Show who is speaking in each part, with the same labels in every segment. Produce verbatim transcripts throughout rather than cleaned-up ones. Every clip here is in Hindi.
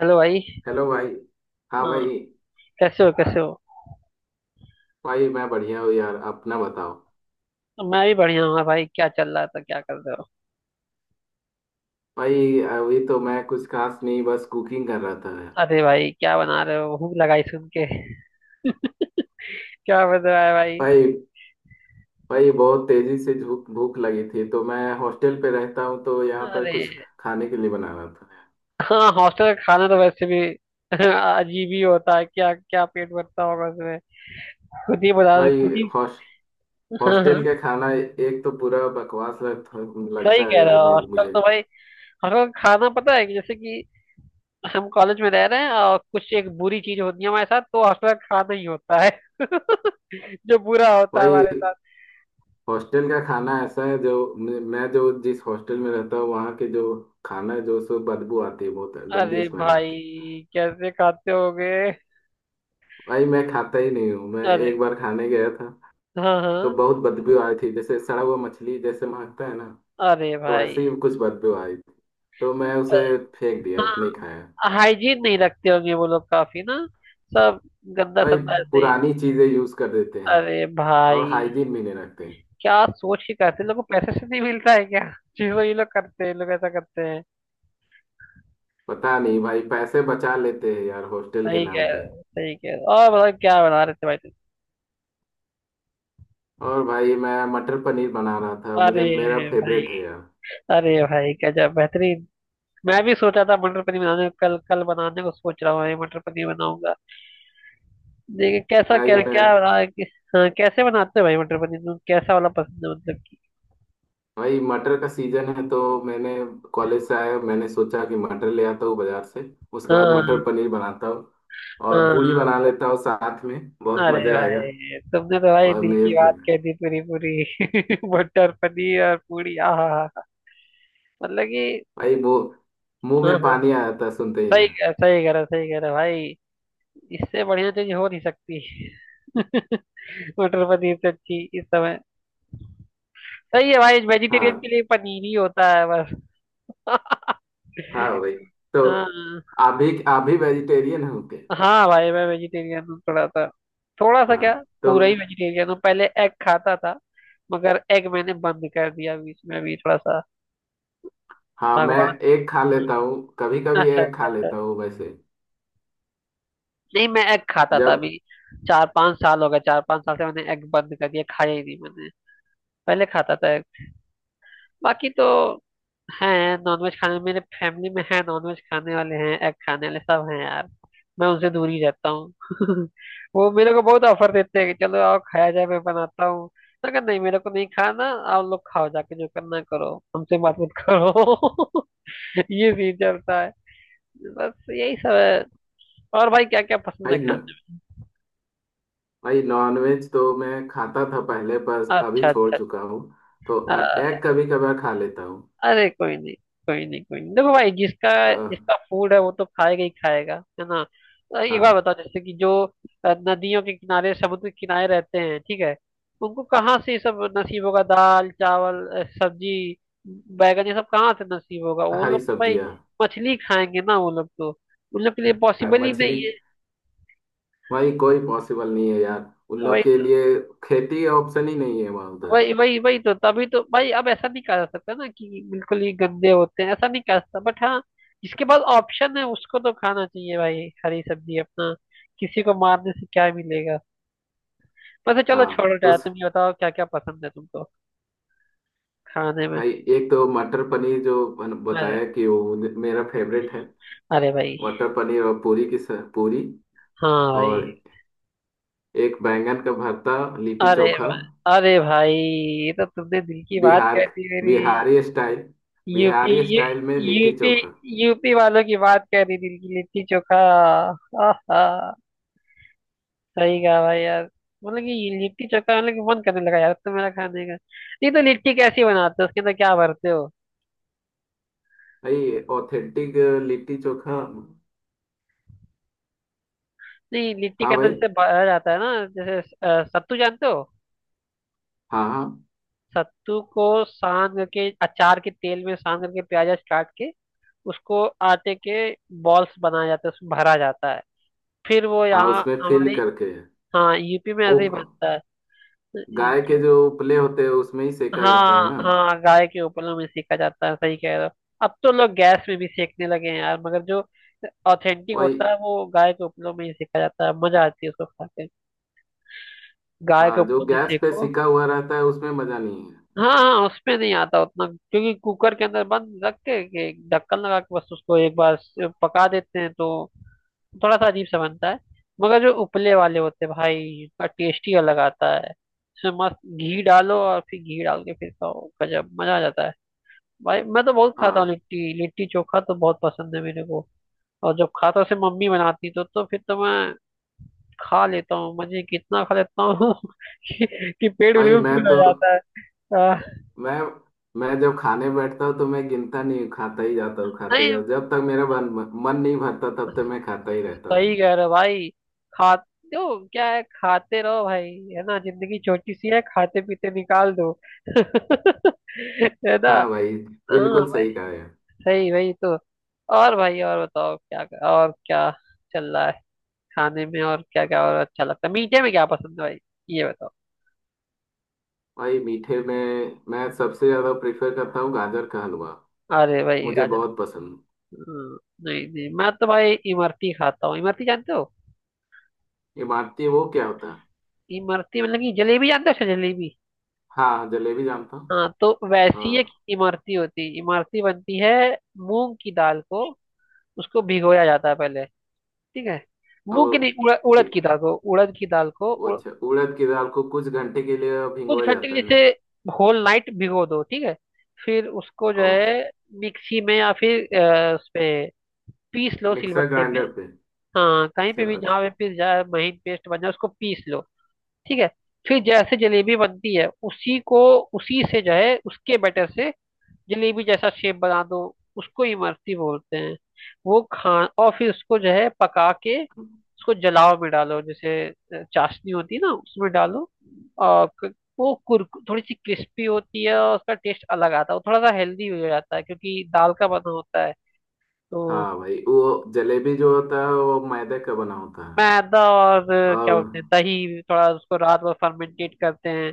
Speaker 1: हेलो भाई।
Speaker 2: हेलो भाई। हाँ
Speaker 1: हाँ,
Speaker 2: भाई।
Speaker 1: कैसे हो? कैसे हो
Speaker 2: भाई मैं बढ़िया हूँ यार, अपना बताओ।
Speaker 1: मैं भी बढ़िया हूँ। हाँ भाई, क्या चल रहा था? क्या कर रहे हो?
Speaker 2: भाई अभी तो मैं कुछ खास नहीं, बस कुकिंग कर रहा था।
Speaker 1: अरे भाई, क्या बना रहे हो? भूख लगाई सुन के। क्या बन रहा है भाई?
Speaker 2: भाई, भाई बहुत तेजी से भूख भूख लगी थी, तो मैं हॉस्टल पे रहता हूँ तो यहाँ पर
Speaker 1: अरे,
Speaker 2: कुछ खाने के लिए बना रहा था।
Speaker 1: हाँ, हॉस्टल का खाना तो वैसे भी अजीब ही होता है। क्या क्या पेट भरता होगा उसमें। खुद ही बता रहे-
Speaker 2: भाई,
Speaker 1: खुद ही।
Speaker 2: हॉस,
Speaker 1: हाँ
Speaker 2: हॉस्टल
Speaker 1: हाँ,
Speaker 2: का खाना एक तो पूरा बकवास लग,
Speaker 1: सही
Speaker 2: लगता है
Speaker 1: कह रहे
Speaker 2: यार,
Speaker 1: हो।
Speaker 2: मैं,
Speaker 1: हॉस्टल
Speaker 2: मुझे।
Speaker 1: तो भाई, हॉस्टल का खाना पता है कि जैसे कि हम कॉलेज में रह रहे हैं और कुछ एक बुरी चीज होती है हमारे साथ तो हॉस्टल का खाना ही होता है। जो बुरा होता है
Speaker 2: भाई
Speaker 1: हमारे।
Speaker 2: हॉस्टल का खाना ऐसा है जो, मैं जो जिस हॉस्टल में रहता हूँ वहाँ के जो खाना है जो, सो बदबू आती है, बहुत गंदी
Speaker 1: अरे
Speaker 2: स्मेल
Speaker 1: भाई,
Speaker 2: आती है।
Speaker 1: कैसे खाते होगे?
Speaker 2: भाई मैं खाता ही नहीं हूँ, मैं
Speaker 1: अरे
Speaker 2: एक बार खाने गया था
Speaker 1: हाँ हाँ।
Speaker 2: तो बहुत बदबू आई थी, जैसे सड़ा हुआ मछली जैसे महकता है ना,
Speaker 1: अरे
Speaker 2: तो
Speaker 1: भाई।
Speaker 2: वैसे ही कुछ बदबू आई थी, तो मैं उसे
Speaker 1: पर-
Speaker 2: फेंक दिया, नहीं
Speaker 1: हाँ,
Speaker 2: खाया।
Speaker 1: हाइजीन नहीं रखते होंगे वो लोग काफी ना। सब गंदा
Speaker 2: भाई
Speaker 1: संदा ऐसे।
Speaker 2: पुरानी चीजें यूज कर देते हैं
Speaker 1: अरे
Speaker 2: और
Speaker 1: भाई,
Speaker 2: हाइजीन भी नहीं रखते हैं।
Speaker 1: क्या सोच के करते हैं? लोगों को पैसे से नहीं मिलता है क्या? जी वो ये लोग करते हैं, ये लोग ऐसा करते हैं।
Speaker 2: पता नहीं भाई, पैसे बचा लेते हैं यार हॉस्टल के
Speaker 1: सही कह
Speaker 2: नाम
Speaker 1: रहे
Speaker 2: पे।
Speaker 1: हो, सही कह रहे हो। और बताओ क्या बना रहे थे भाई तुम?
Speaker 2: और भाई मैं मटर पनीर बना रहा था,
Speaker 1: अरे
Speaker 2: मुझे मेरा
Speaker 1: भाई।
Speaker 2: फेवरेट है यार।
Speaker 1: अरे भाई, गजब बेहतरीन। मैं भी सोचा था मटर पनीर बनाने को, कल कल बनाने को सोच रहा हूँ भाई, मटर पनीर बनाऊंगा। देखिए कैसा क्या और
Speaker 2: भाई मैं,
Speaker 1: क्या रहा है कि- हाँ, कैसे बनाते हो भाई मटर पनीर तुम? कैसा वाला पसंद है मतलब कि।
Speaker 2: भाई मटर का सीजन है तो, मैंने कॉलेज से आया, मैंने सोचा कि मटर ले आता हूँ बाजार से, उसके बाद
Speaker 1: हाँ
Speaker 2: मटर पनीर बनाता हूँ और पूड़ी
Speaker 1: हाँ।
Speaker 2: बना लेता हूँ साथ में, बहुत
Speaker 1: अरे
Speaker 2: मजा आएगा।
Speaker 1: भाई तुमने तो भाई
Speaker 2: और
Speaker 1: दिल
Speaker 2: मेरे
Speaker 1: की बात
Speaker 2: फिर,
Speaker 1: कह दी पूरी पूरी। मटर पनीर और पूरी, आहा हा, हा। मतलब कि।
Speaker 2: भाई वो, मुंह
Speaker 1: हाँ
Speaker 2: में
Speaker 1: हाँ।
Speaker 2: पानी आ जाता है सुनते ही
Speaker 1: सही
Speaker 2: ना।
Speaker 1: कह सही कह रहा सही कह रहा भाई। इससे बढ़िया चीज हो नहीं सकती। मटर पनीर से अच्छी इस समय। सही है भाई,
Speaker 2: हाँ।
Speaker 1: वेजिटेरियन के लिए पनीर ही होता है बस।
Speaker 2: हाँ भाई। तो
Speaker 1: हाँ।
Speaker 2: आप भी, आप भी वेजिटेरियन हो क्या?
Speaker 1: हाँ भाई, मैं वेजिटेरियन हूँ थोड़ा सा। थोड़ा सा
Speaker 2: हाँ
Speaker 1: क्या,
Speaker 2: तो,
Speaker 1: पूरा ही वेजिटेरियन हूँ। पहले एग खाता था मगर एग मैंने बंद कर दिया बीच में। अभी थोड़ा सा
Speaker 2: हाँ मैं
Speaker 1: भगवान।
Speaker 2: एक खा लेता हूँ कभी कभी,
Speaker 1: अच्छा
Speaker 2: एक
Speaker 1: अच्छा
Speaker 2: खा
Speaker 1: अच्छा।
Speaker 2: लेता हूँ वैसे।
Speaker 1: नहीं, मैं एग खाता था
Speaker 2: जब,
Speaker 1: अभी। चार पांच साल हो गए, चार पांच साल से मैंने एग बंद कर दिया, खाया ही नहीं मैंने। पहले खाता था एग। बाकी तो हैं नॉनवेज खाने, मेरे फैमिली में है नॉनवेज खाने वाले हैं, एग खाने वाले सब हैं यार। मैं उनसे दूर ही रहता हूँ। वो मेरे को बहुत ऑफर देते हैं कि चलो आओ खाया जाए, मैं बनाता हूँ। मैं कहा नहीं, मेरे को नहीं खाना। आप लोग खाओ जाके, जो करना करो, हमसे बात मत करो। ये सीन चलता है, बस यही सब है। और भाई, क्या क्या पसंद है
Speaker 2: भाई न,
Speaker 1: खाने
Speaker 2: भाई नॉनवेज तो मैं खाता था पहले, पर
Speaker 1: में? अच्छा
Speaker 2: अभी छोड़
Speaker 1: अच्छा
Speaker 2: चुका हूँ। तो
Speaker 1: अच्छा।
Speaker 2: एग कभी कभार खा लेता हूँ।
Speaker 1: अरे कोई नहीं, कोई नहीं, कोई नहीं। देखो भाई जिसका,
Speaker 2: अ,
Speaker 1: जिसका फूड है वो तो खाएगा ही खाएगा। है ना? अ, एक बार
Speaker 2: हाँ।
Speaker 1: बताओ जैसे कि जो अ, नदियों के किनारे समुद्र के किनारे रहते हैं, ठीक है, उनको कहाँ से ये सब नसीब होगा? दाल चावल अ, सब्जी, बैगन ये सब कहाँ से नसीब होगा? वो
Speaker 2: हरी
Speaker 1: लोग तो भाई
Speaker 2: सब्जियाँ।
Speaker 1: मछली खाएंगे ना। वो लोग तो, उन लोग के लिए
Speaker 2: हाँ,
Speaker 1: पॉसिबल ही
Speaker 2: मछली।
Speaker 1: नहीं है
Speaker 2: भाई कोई पॉसिबल नहीं है यार उन
Speaker 1: भाई।
Speaker 2: लोग के लिए, खेती ऑप्शन ही नहीं है वहाँ उधर।
Speaker 1: वही वही वही तो, तभी तो भाई, अब ऐसा नहीं कहा जा सकता ना कि बिल्कुल ही गंदे होते हैं, ऐसा नहीं कहा जा सकता। बट हाँ, जिसके पास ऑप्शन है उसको तो खाना चाहिए भाई हरी सब्जी अपना। किसी को मारने से क्या मिलेगा? वैसे चलो
Speaker 2: हाँ
Speaker 1: छोड़ो
Speaker 2: तो
Speaker 1: यार,
Speaker 2: स-,
Speaker 1: तुम ये बताओ क्या क्या पसंद है तुमको खाने में?
Speaker 2: भाई एक तो मटर पनीर जो बन-
Speaker 1: अरे।
Speaker 2: बताया कि वो मेरा फेवरेट है।
Speaker 1: अरे भाई।
Speaker 2: मटर पनीर और पूरी की स- पूरी,
Speaker 1: हाँ भाई।
Speaker 2: और एक बैंगन का भरता, लिट्टी
Speaker 1: अरे
Speaker 2: चोखा।
Speaker 1: भाई। अरे भाई ये तो तुमने दिल की बात
Speaker 2: बिहार,
Speaker 1: कह दी मेरी।
Speaker 2: बिहारी स्टाइल,
Speaker 1: यूपी
Speaker 2: बिहारी
Speaker 1: यू
Speaker 2: स्टाइल में लिट्टी
Speaker 1: यूपी
Speaker 2: चोखा।
Speaker 1: यूपी वालों की बात कह रही, दिल की, लिट्टी चोखा। आहा, सही कहा भाई यार। मतलब कि ये लिट्टी चोखा, मतलब कि मन करने लगा यार अब तो मेरा खाने का। नहीं तो लिट्टी कैसी बनाते हो? उसके अंदर क्या भरते हो?
Speaker 2: भाई ऑथेंटिक लिट्टी चोखा।
Speaker 1: नहीं, लिट्टी के
Speaker 2: हाँ
Speaker 1: अंदर
Speaker 2: भाई।
Speaker 1: जैसे भरा जाता है ना, जैसे अ, सत्तू जानते हो?
Speaker 2: हाँ हाँ।
Speaker 1: सत्तू को सान करके, अचार के तेल में सान करके, प्याज काट के उसको आटे के बॉल्स बनाया जाता है, उसमें भरा जाता है। फिर वो
Speaker 2: हाँ
Speaker 1: यहाँ
Speaker 2: उसमें फिल
Speaker 1: हमारे,
Speaker 2: करके है।
Speaker 1: हाँ, यूपी में ऐसे
Speaker 2: उप,
Speaker 1: ही बनता है।
Speaker 2: गाय के
Speaker 1: जो,
Speaker 2: जो उपले होते हैं उसमें ही सेका जाता
Speaker 1: हाँ
Speaker 2: है ना।
Speaker 1: हाँ, गाय के उपलों में सेका जाता है, सही कह रहे हो। अब तो लोग गैस में भी सेकने लगे हैं यार, मगर जो ऑथेंटिक
Speaker 2: वही।
Speaker 1: होता है वो गाय के उपलों में ही सेका जाता है। मजा आती है उसको खा के। गाय के
Speaker 2: हाँ जो
Speaker 1: उपलों में
Speaker 2: गैस पे
Speaker 1: सेको।
Speaker 2: सिका हुआ रहता है उसमें मजा नहीं है।
Speaker 1: हाँ हाँ, उसमें नहीं आता उतना क्योंकि कुकर के अंदर बंद रख के के ढक्कन लगा के बस उसको एक बार स- पका देते हैं तो थोड़ा सा अजीब सा बनता है। मगर जो उपले वाले होते हैं भाई, उसका टेस्ट ही अलग आता है। उसमें मस्त घी डालो और फिर घी डाल के फिर खाओ, गजब मजा आ जाता है। भाई मैं तो बहुत खाता हूँ
Speaker 2: हाँ
Speaker 1: लिट्टी, लिट्टी चोखा तो बहुत पसंद है मेरे को। और जब खाता से मम्मी बनाती तो तो फिर तो मैं खा लेता हूँ मजे, कितना खा लेता हूँ। कि, कि पेट
Speaker 2: भाई।
Speaker 1: बिल्कुल
Speaker 2: मैं
Speaker 1: फुल हो
Speaker 2: तो
Speaker 1: जाता है आ,।
Speaker 2: मैं मैं जब खाने बैठता हूँ तो मैं गिनता नहीं हूँ, खाता ही जाता हूँ, खाते
Speaker 1: नहीं,
Speaker 2: जाता हूँ। जब तक मेरा मन मन नहीं भरता तब तक मैं खाता ही रहता
Speaker 1: सही
Speaker 2: हूँ।
Speaker 1: कह रहे हो भाई। खा दो, क्या है, खाते रहो भाई। है ना, जिंदगी छोटी सी है, खाते पीते निकाल दो। है ना।
Speaker 2: हाँ भाई,
Speaker 1: हाँ
Speaker 2: बिल्कुल
Speaker 1: भाई।
Speaker 2: सही कहा यार।
Speaker 1: सही, वही तो। और भाई, और बताओ क्या और क्या चल रहा है खाने में? और क्या क्या और अच्छा लगता है? मीठे में क्या पसंद है भाई? ये बताओ।
Speaker 2: भाई मीठे में मैं सबसे ज्यादा प्रेफर करता हूँ गाजर का हलवा,
Speaker 1: अरे भाई,
Speaker 2: मुझे
Speaker 1: गाजर।
Speaker 2: बहुत पसंद।
Speaker 1: हाँ, नहीं नहीं, मैं तो भाई इमरती खाता हूँ। इमरती जानते हो?
Speaker 2: इमरती वो क्या होता है?
Speaker 1: इमरती मतलब कि, जलेबी जानते हो? अच्छा, जलेबी।
Speaker 2: हाँ जलेबी जानता हूँ।
Speaker 1: हाँ, तो वैसी एक
Speaker 2: हाँ,
Speaker 1: इमरती होती है, इमरती बनती है। मूंग की दाल को, उसको भिगोया जाता है पहले। ठीक है, मूंग की
Speaker 2: और
Speaker 1: नहीं, उड़, उड़द
Speaker 2: कि-,
Speaker 1: की दाल को, उड़द की दाल को
Speaker 2: वो
Speaker 1: उड़,
Speaker 2: अच्छा, उड़द की दाल को कुछ घंटे के लिए
Speaker 1: कुछ
Speaker 2: भिगोया
Speaker 1: घंटे के
Speaker 2: जाता
Speaker 1: लिए,
Speaker 2: है ना।
Speaker 1: जैसे होल नाइट भिगो दो, ठीक है। फिर उसको जो
Speaker 2: और अच्छा,
Speaker 1: है मिक्सी में या फिर अ, उस पे पीस लो,
Speaker 2: मिक्सर
Speaker 1: सिलबट्टे पे।
Speaker 2: ग्राइंडर पे।
Speaker 1: हाँ, कहीं पे भी
Speaker 2: अच्छा
Speaker 1: जहाँ पे
Speaker 2: अच्छा।
Speaker 1: पिस जाए, महीन पेस्ट बन जाए, उसको पीस लो। ठीक है, फिर जैसे जलेबी बनती है, उसी को, उसी से जो है, उसके बैटर से जलेबी जैसा शेप बना दो, उसको इमरती बोलते हैं। वो खा, और फिर उसको जो है पका के उसको जलाव में डालो, जैसे अ, चाशनी होती है ना, उसमें डालो। और क-, वो कुर, थोड़ी सी क्रिस्पी होती है और उसका टेस्ट अलग आता है। वो थोड़ा सा हेल्दी हो जाता है क्योंकि दाल का बना होता है तो।
Speaker 2: हाँ भाई, वो जलेबी जो होता है वो मैदे का बना होता
Speaker 1: मैदा
Speaker 2: है।
Speaker 1: और अ, क्या
Speaker 2: और,
Speaker 1: बोलते हैं, दही थोड़ा उसको रात भर फर्मेंटेट करते हैं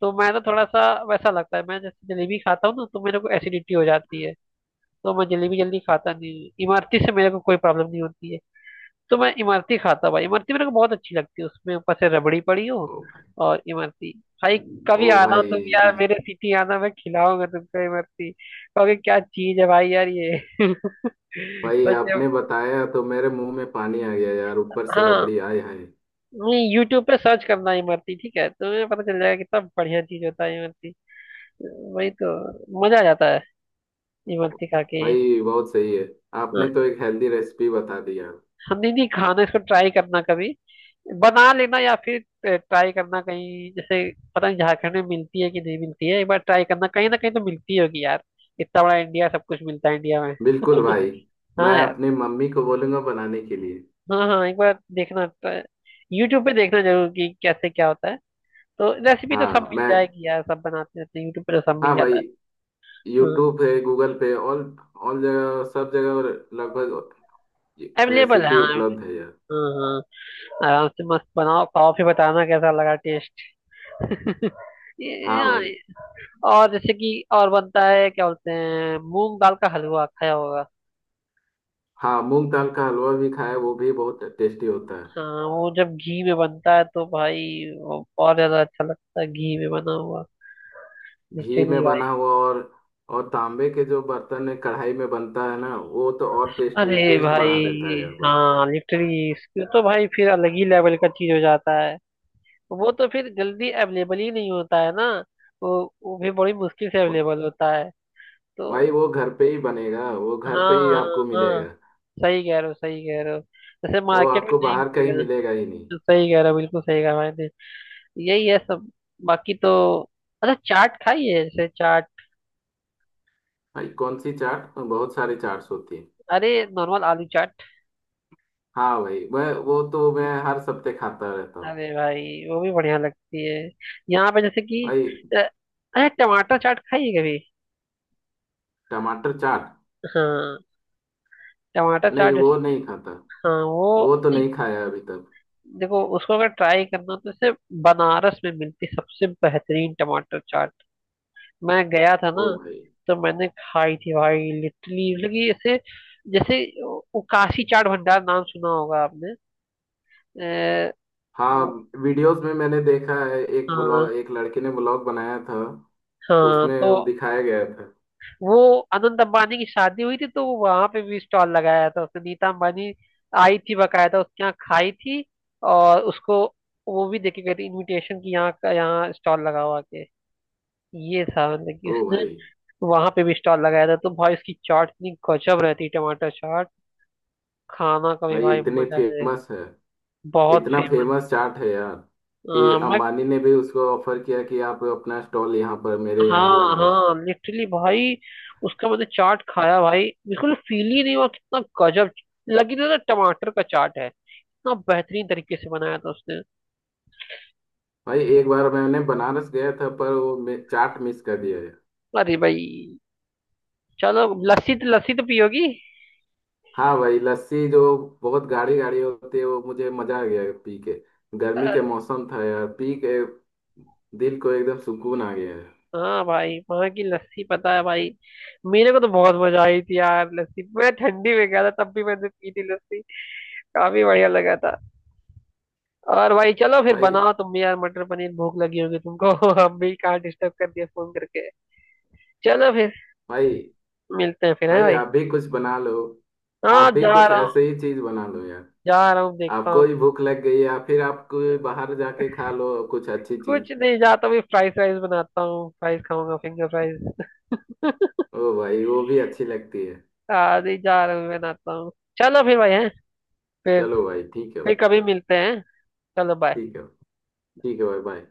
Speaker 1: तो मैदा थोड़ा सा वैसा लगता है। मैं जैसे जलेबी खाता हूँ ना तो मेरे को एसिडिटी हो जाती है, तो मैं जलेबी जल्दी खाता नहीं हूँ। इमरती से मेरे को कोई प्रॉब्लम नहीं होती है तो मैं इमरती खाता हूँ भाई। इमरती मेरे को बहुत अच्छी लगती है, उसमें ऊपर से रबड़ी पड़ी हो
Speaker 2: ओ भाई,
Speaker 1: और इमरती, भाई कभी
Speaker 2: ओ
Speaker 1: आना हो तुम
Speaker 2: भाई
Speaker 1: यार
Speaker 2: भी,
Speaker 1: मेरे सिटी आना, मैं खिलाऊंगा तुमको इमरती। कहोगे क्या चीज है भाई यार ये।
Speaker 2: भाई
Speaker 1: सच में,
Speaker 2: आपने बताया तो मेरे मुंह में पानी आ गया यार, ऊपर से
Speaker 1: हाँ।
Speaker 2: रबड़ी आए, हाय।
Speaker 1: नहीं, यूट्यूब पे सर्च करना इमरती, ठीक है, तुम्हें पता चल जाएगा कितना बढ़िया चीज होता है इमरती। वही तो, मजा आ जाता है इमरती खा के।
Speaker 2: भाई बहुत सही है,
Speaker 1: हाँ,
Speaker 2: आपने तो एक हेल्दी रेसिपी बता दी यार।
Speaker 1: हम नहीं नहीं खाना, इसको ट्राई करना कभी, बना लेना या फिर ट्राई करना कहीं। जैसे पता नहीं झारखंड में मिलती है कि नहीं मिलती है, एक बार ट्राई करना। कहीं ना कहीं तो मिलती होगी यार, इतना बड़ा इंडिया, सब कुछ मिलता है इंडिया में।
Speaker 2: बिल्कुल भाई। मैं
Speaker 1: हाँ यार।
Speaker 2: अपनी मम्मी को बोलूंगा बनाने के लिए।
Speaker 1: हाँ हाँ, एक बार देखना, यूट्यूब पे देखना जरूर कि कैसे क्या होता है। तो रेसिपी तो सब
Speaker 2: हाँ
Speaker 1: मिल
Speaker 2: मैं,
Speaker 1: जाएगी यार, सब बनाते रहते हैं यूट्यूब पे, तो सब मिल
Speaker 2: हाँ
Speaker 1: जाता
Speaker 2: भाई,
Speaker 1: है। हाँ।
Speaker 2: यूट्यूब पे, गूगल पे, ऑल, ऑल जगह, सब जगह लगभग
Speaker 1: अवेलेबल है,
Speaker 2: रेसिपी
Speaker 1: हाँ
Speaker 2: उपलब्ध है यार।
Speaker 1: हाँ हाँ, आराम से मस्त बनाओ खाओ, फिर बताना कैसा लगा टेस्ट। ये-
Speaker 2: हाँ
Speaker 1: हाँ,
Speaker 2: भाई।
Speaker 1: और जैसे कि और बनता है क्या बोलते हैं, मूंग दाल का हलवा खाया होगा।
Speaker 2: हाँ, मूंग दाल का हलवा भी खाया, वो भी बहुत टेस्टी होता है।
Speaker 1: हाँ, वो जब घी में बनता है तो भाई, वो और ज्यादा अच्छा लगता है घी में बना हुआ।
Speaker 2: घी
Speaker 1: लिटरली
Speaker 2: में
Speaker 1: भाई।
Speaker 2: बना हुआ और और तांबे के जो बर्तन में कढ़ाई में बनता है ना, वो तो और टेस्टी,
Speaker 1: अरे
Speaker 2: टेस्ट
Speaker 1: भाई,
Speaker 2: बढ़ा देता है यार भाई।
Speaker 1: हाँ लिटरली इसके तो भाई फिर अलग ही लेवल का चीज हो जाता है। वो तो फिर जल्दी अवेलेबल ही नहीं होता है ना, वो वो भी बड़ी मुश्किल से अवेलेबल होता है
Speaker 2: भाई
Speaker 1: तो।
Speaker 2: वो घर पे ही बनेगा, वो घर पे
Speaker 1: हाँ
Speaker 2: ही
Speaker 1: हाँ,
Speaker 2: आपको
Speaker 1: हाँ
Speaker 2: मिलेगा।
Speaker 1: सही कह रहे हो, सही कह रहे हो। जैसे
Speaker 2: वो
Speaker 1: मार्केट में
Speaker 2: आपको
Speaker 1: नहीं
Speaker 2: बाहर कहीं
Speaker 1: मिलेगा
Speaker 2: मिलेगा ही नहीं।
Speaker 1: तो। सही कह रहे हो, बिल्कुल सही कहा मैंने। यही है सब। बाकी तो अच्छा, चाट खाई है? जैसे चाट,
Speaker 2: भाई कौन सी चाट, बहुत सारी चाट्स होती है।
Speaker 1: अरे नॉर्मल आलू चाट।
Speaker 2: हाँ भाई, वह वो तो मैं हर सप्ते खाता रहता हूँ।
Speaker 1: अरे भाई, वो भी बढ़िया लगती है। यहाँ पे जैसे कि
Speaker 2: भाई,
Speaker 1: अ, अरे टमाटर चाट खाई है कभी?
Speaker 2: टमाटर चाट,
Speaker 1: हाँ टमाटर
Speaker 2: नहीं
Speaker 1: चाट
Speaker 2: वो
Speaker 1: जैसे कि,
Speaker 2: नहीं खाता,
Speaker 1: हाँ वो
Speaker 2: वो तो
Speaker 1: एक-
Speaker 2: नहीं खाया अभी तक।
Speaker 1: देखो उसको अगर ट्राई करना हो तो, जैसे बनारस में मिलती सबसे बेहतरीन टमाटर चाट। मैं गया था
Speaker 2: ओ
Speaker 1: ना
Speaker 2: भाई।
Speaker 1: तो मैंने खाई थी भाई, लिटरली मतलब कि ऐसे, जैसे वो काशी चाट भंडार नाम सुना होगा आपने अ,
Speaker 2: हाँ,
Speaker 1: वो-
Speaker 2: वीडियोस में मैंने देखा है, एक
Speaker 1: हाँ,
Speaker 2: ब्लॉग, एक लड़के ने ब्लॉग बनाया था,
Speaker 1: हाँ तो
Speaker 2: उसमें दिखाया गया था।
Speaker 1: वो अनंत अंबानी की शादी हुई थी तो वहां पे भी स्टॉल लगाया था उसने। नीता अंबानी आई थी बकायदा उसके यहाँ, खाई थी और उसको, वो भी देके गई थी इनविटेशन की यहाँ का, यहाँ स्टॉल लगा हुआ के ये था, मतलब कि
Speaker 2: ओ
Speaker 1: उसने
Speaker 2: भाई।
Speaker 1: वहां पे भी स्टॉल लगाया था। तो भाई उसकी चाट इतनी गजब रहती, टमाटर चाट खाना का भी
Speaker 2: भाई
Speaker 1: भाई
Speaker 2: इतनी
Speaker 1: मजा है।
Speaker 2: फेमस है,
Speaker 1: बहुत
Speaker 2: इतना
Speaker 1: फेमस।
Speaker 2: फेमस चाट है यार, कि
Speaker 1: मैं,
Speaker 2: अंबानी ने भी उसको ऑफर किया कि आप अपना स्टॉल यहाँ पर मेरे यहाँ
Speaker 1: हाँ
Speaker 2: लगाओ।
Speaker 1: हाँ लिटरली भाई। उसका मैंने चाट खाया भाई, बिल्कुल फील ही नहीं हुआ कितना गजब लगी, ना ना टमाटर का चाट है, इतना बेहतरीन तरीके से बनाया था उसने।
Speaker 2: भाई एक बार मैंने बनारस गया था, पर वो मे- चाट मिस कर दिया है।
Speaker 1: अरे भाई, चलो। लस्सी तो, लस्सी तो पियोगी?
Speaker 2: हाँ भाई, लस्सी जो बहुत गाढ़ी गाढ़ी होती है, वो मुझे मजा आ गया पी के,
Speaker 1: अ,
Speaker 2: गर्मी के मौसम था यार, पी के दिल को एकदम सुकून आ गया है।
Speaker 1: हाँ भाई, वहाँ की लस्सी पता है भाई, मेरे को तो बहुत मजा आई थी यार लस्सी। मैं ठंडी में गया था तब भी मैंने पी थी लस्सी, काफी बढ़िया लगा था। और भाई चलो फिर,
Speaker 2: भाई,
Speaker 1: बनाओ तुम भी यार मटर पनीर, भूख लगी होगी तुमको। अब भी कहाँ डिस्टर्ब कर दिया फोन करके। चलो फिर,
Speaker 2: भाई,
Speaker 1: मिलते हैं फिर है
Speaker 2: भाई
Speaker 1: भाई।
Speaker 2: आप भी कुछ बना लो, आप
Speaker 1: हाँ,
Speaker 2: भी
Speaker 1: जा
Speaker 2: कुछ
Speaker 1: रहा हूँ,
Speaker 2: ऐसे ही चीज बना लो यार,
Speaker 1: जा रहा हूँ देखता
Speaker 2: आपको
Speaker 1: हूँ।
Speaker 2: ही भूख लग गई, या फिर आप कोई बाहर जाके खा लो कुछ अच्छी चीज।
Speaker 1: कुछ नहीं, जाता हूँ फ्राइज राइस बनाता हूँ, फ्राइज खाऊंगा, फिंगर फ्राइज।
Speaker 2: ओ भाई वो भी अच्छी लगती है।
Speaker 1: आज ही जा रहा हूँ बनाता हूँ। चलो फिर भाई, है फिर
Speaker 2: चलो भाई, ठीक है
Speaker 1: फिर
Speaker 2: भाई।
Speaker 1: कभी मिलते हैं। चलो, बाय।
Speaker 2: ठीक है। ठीक है भाई, बाय।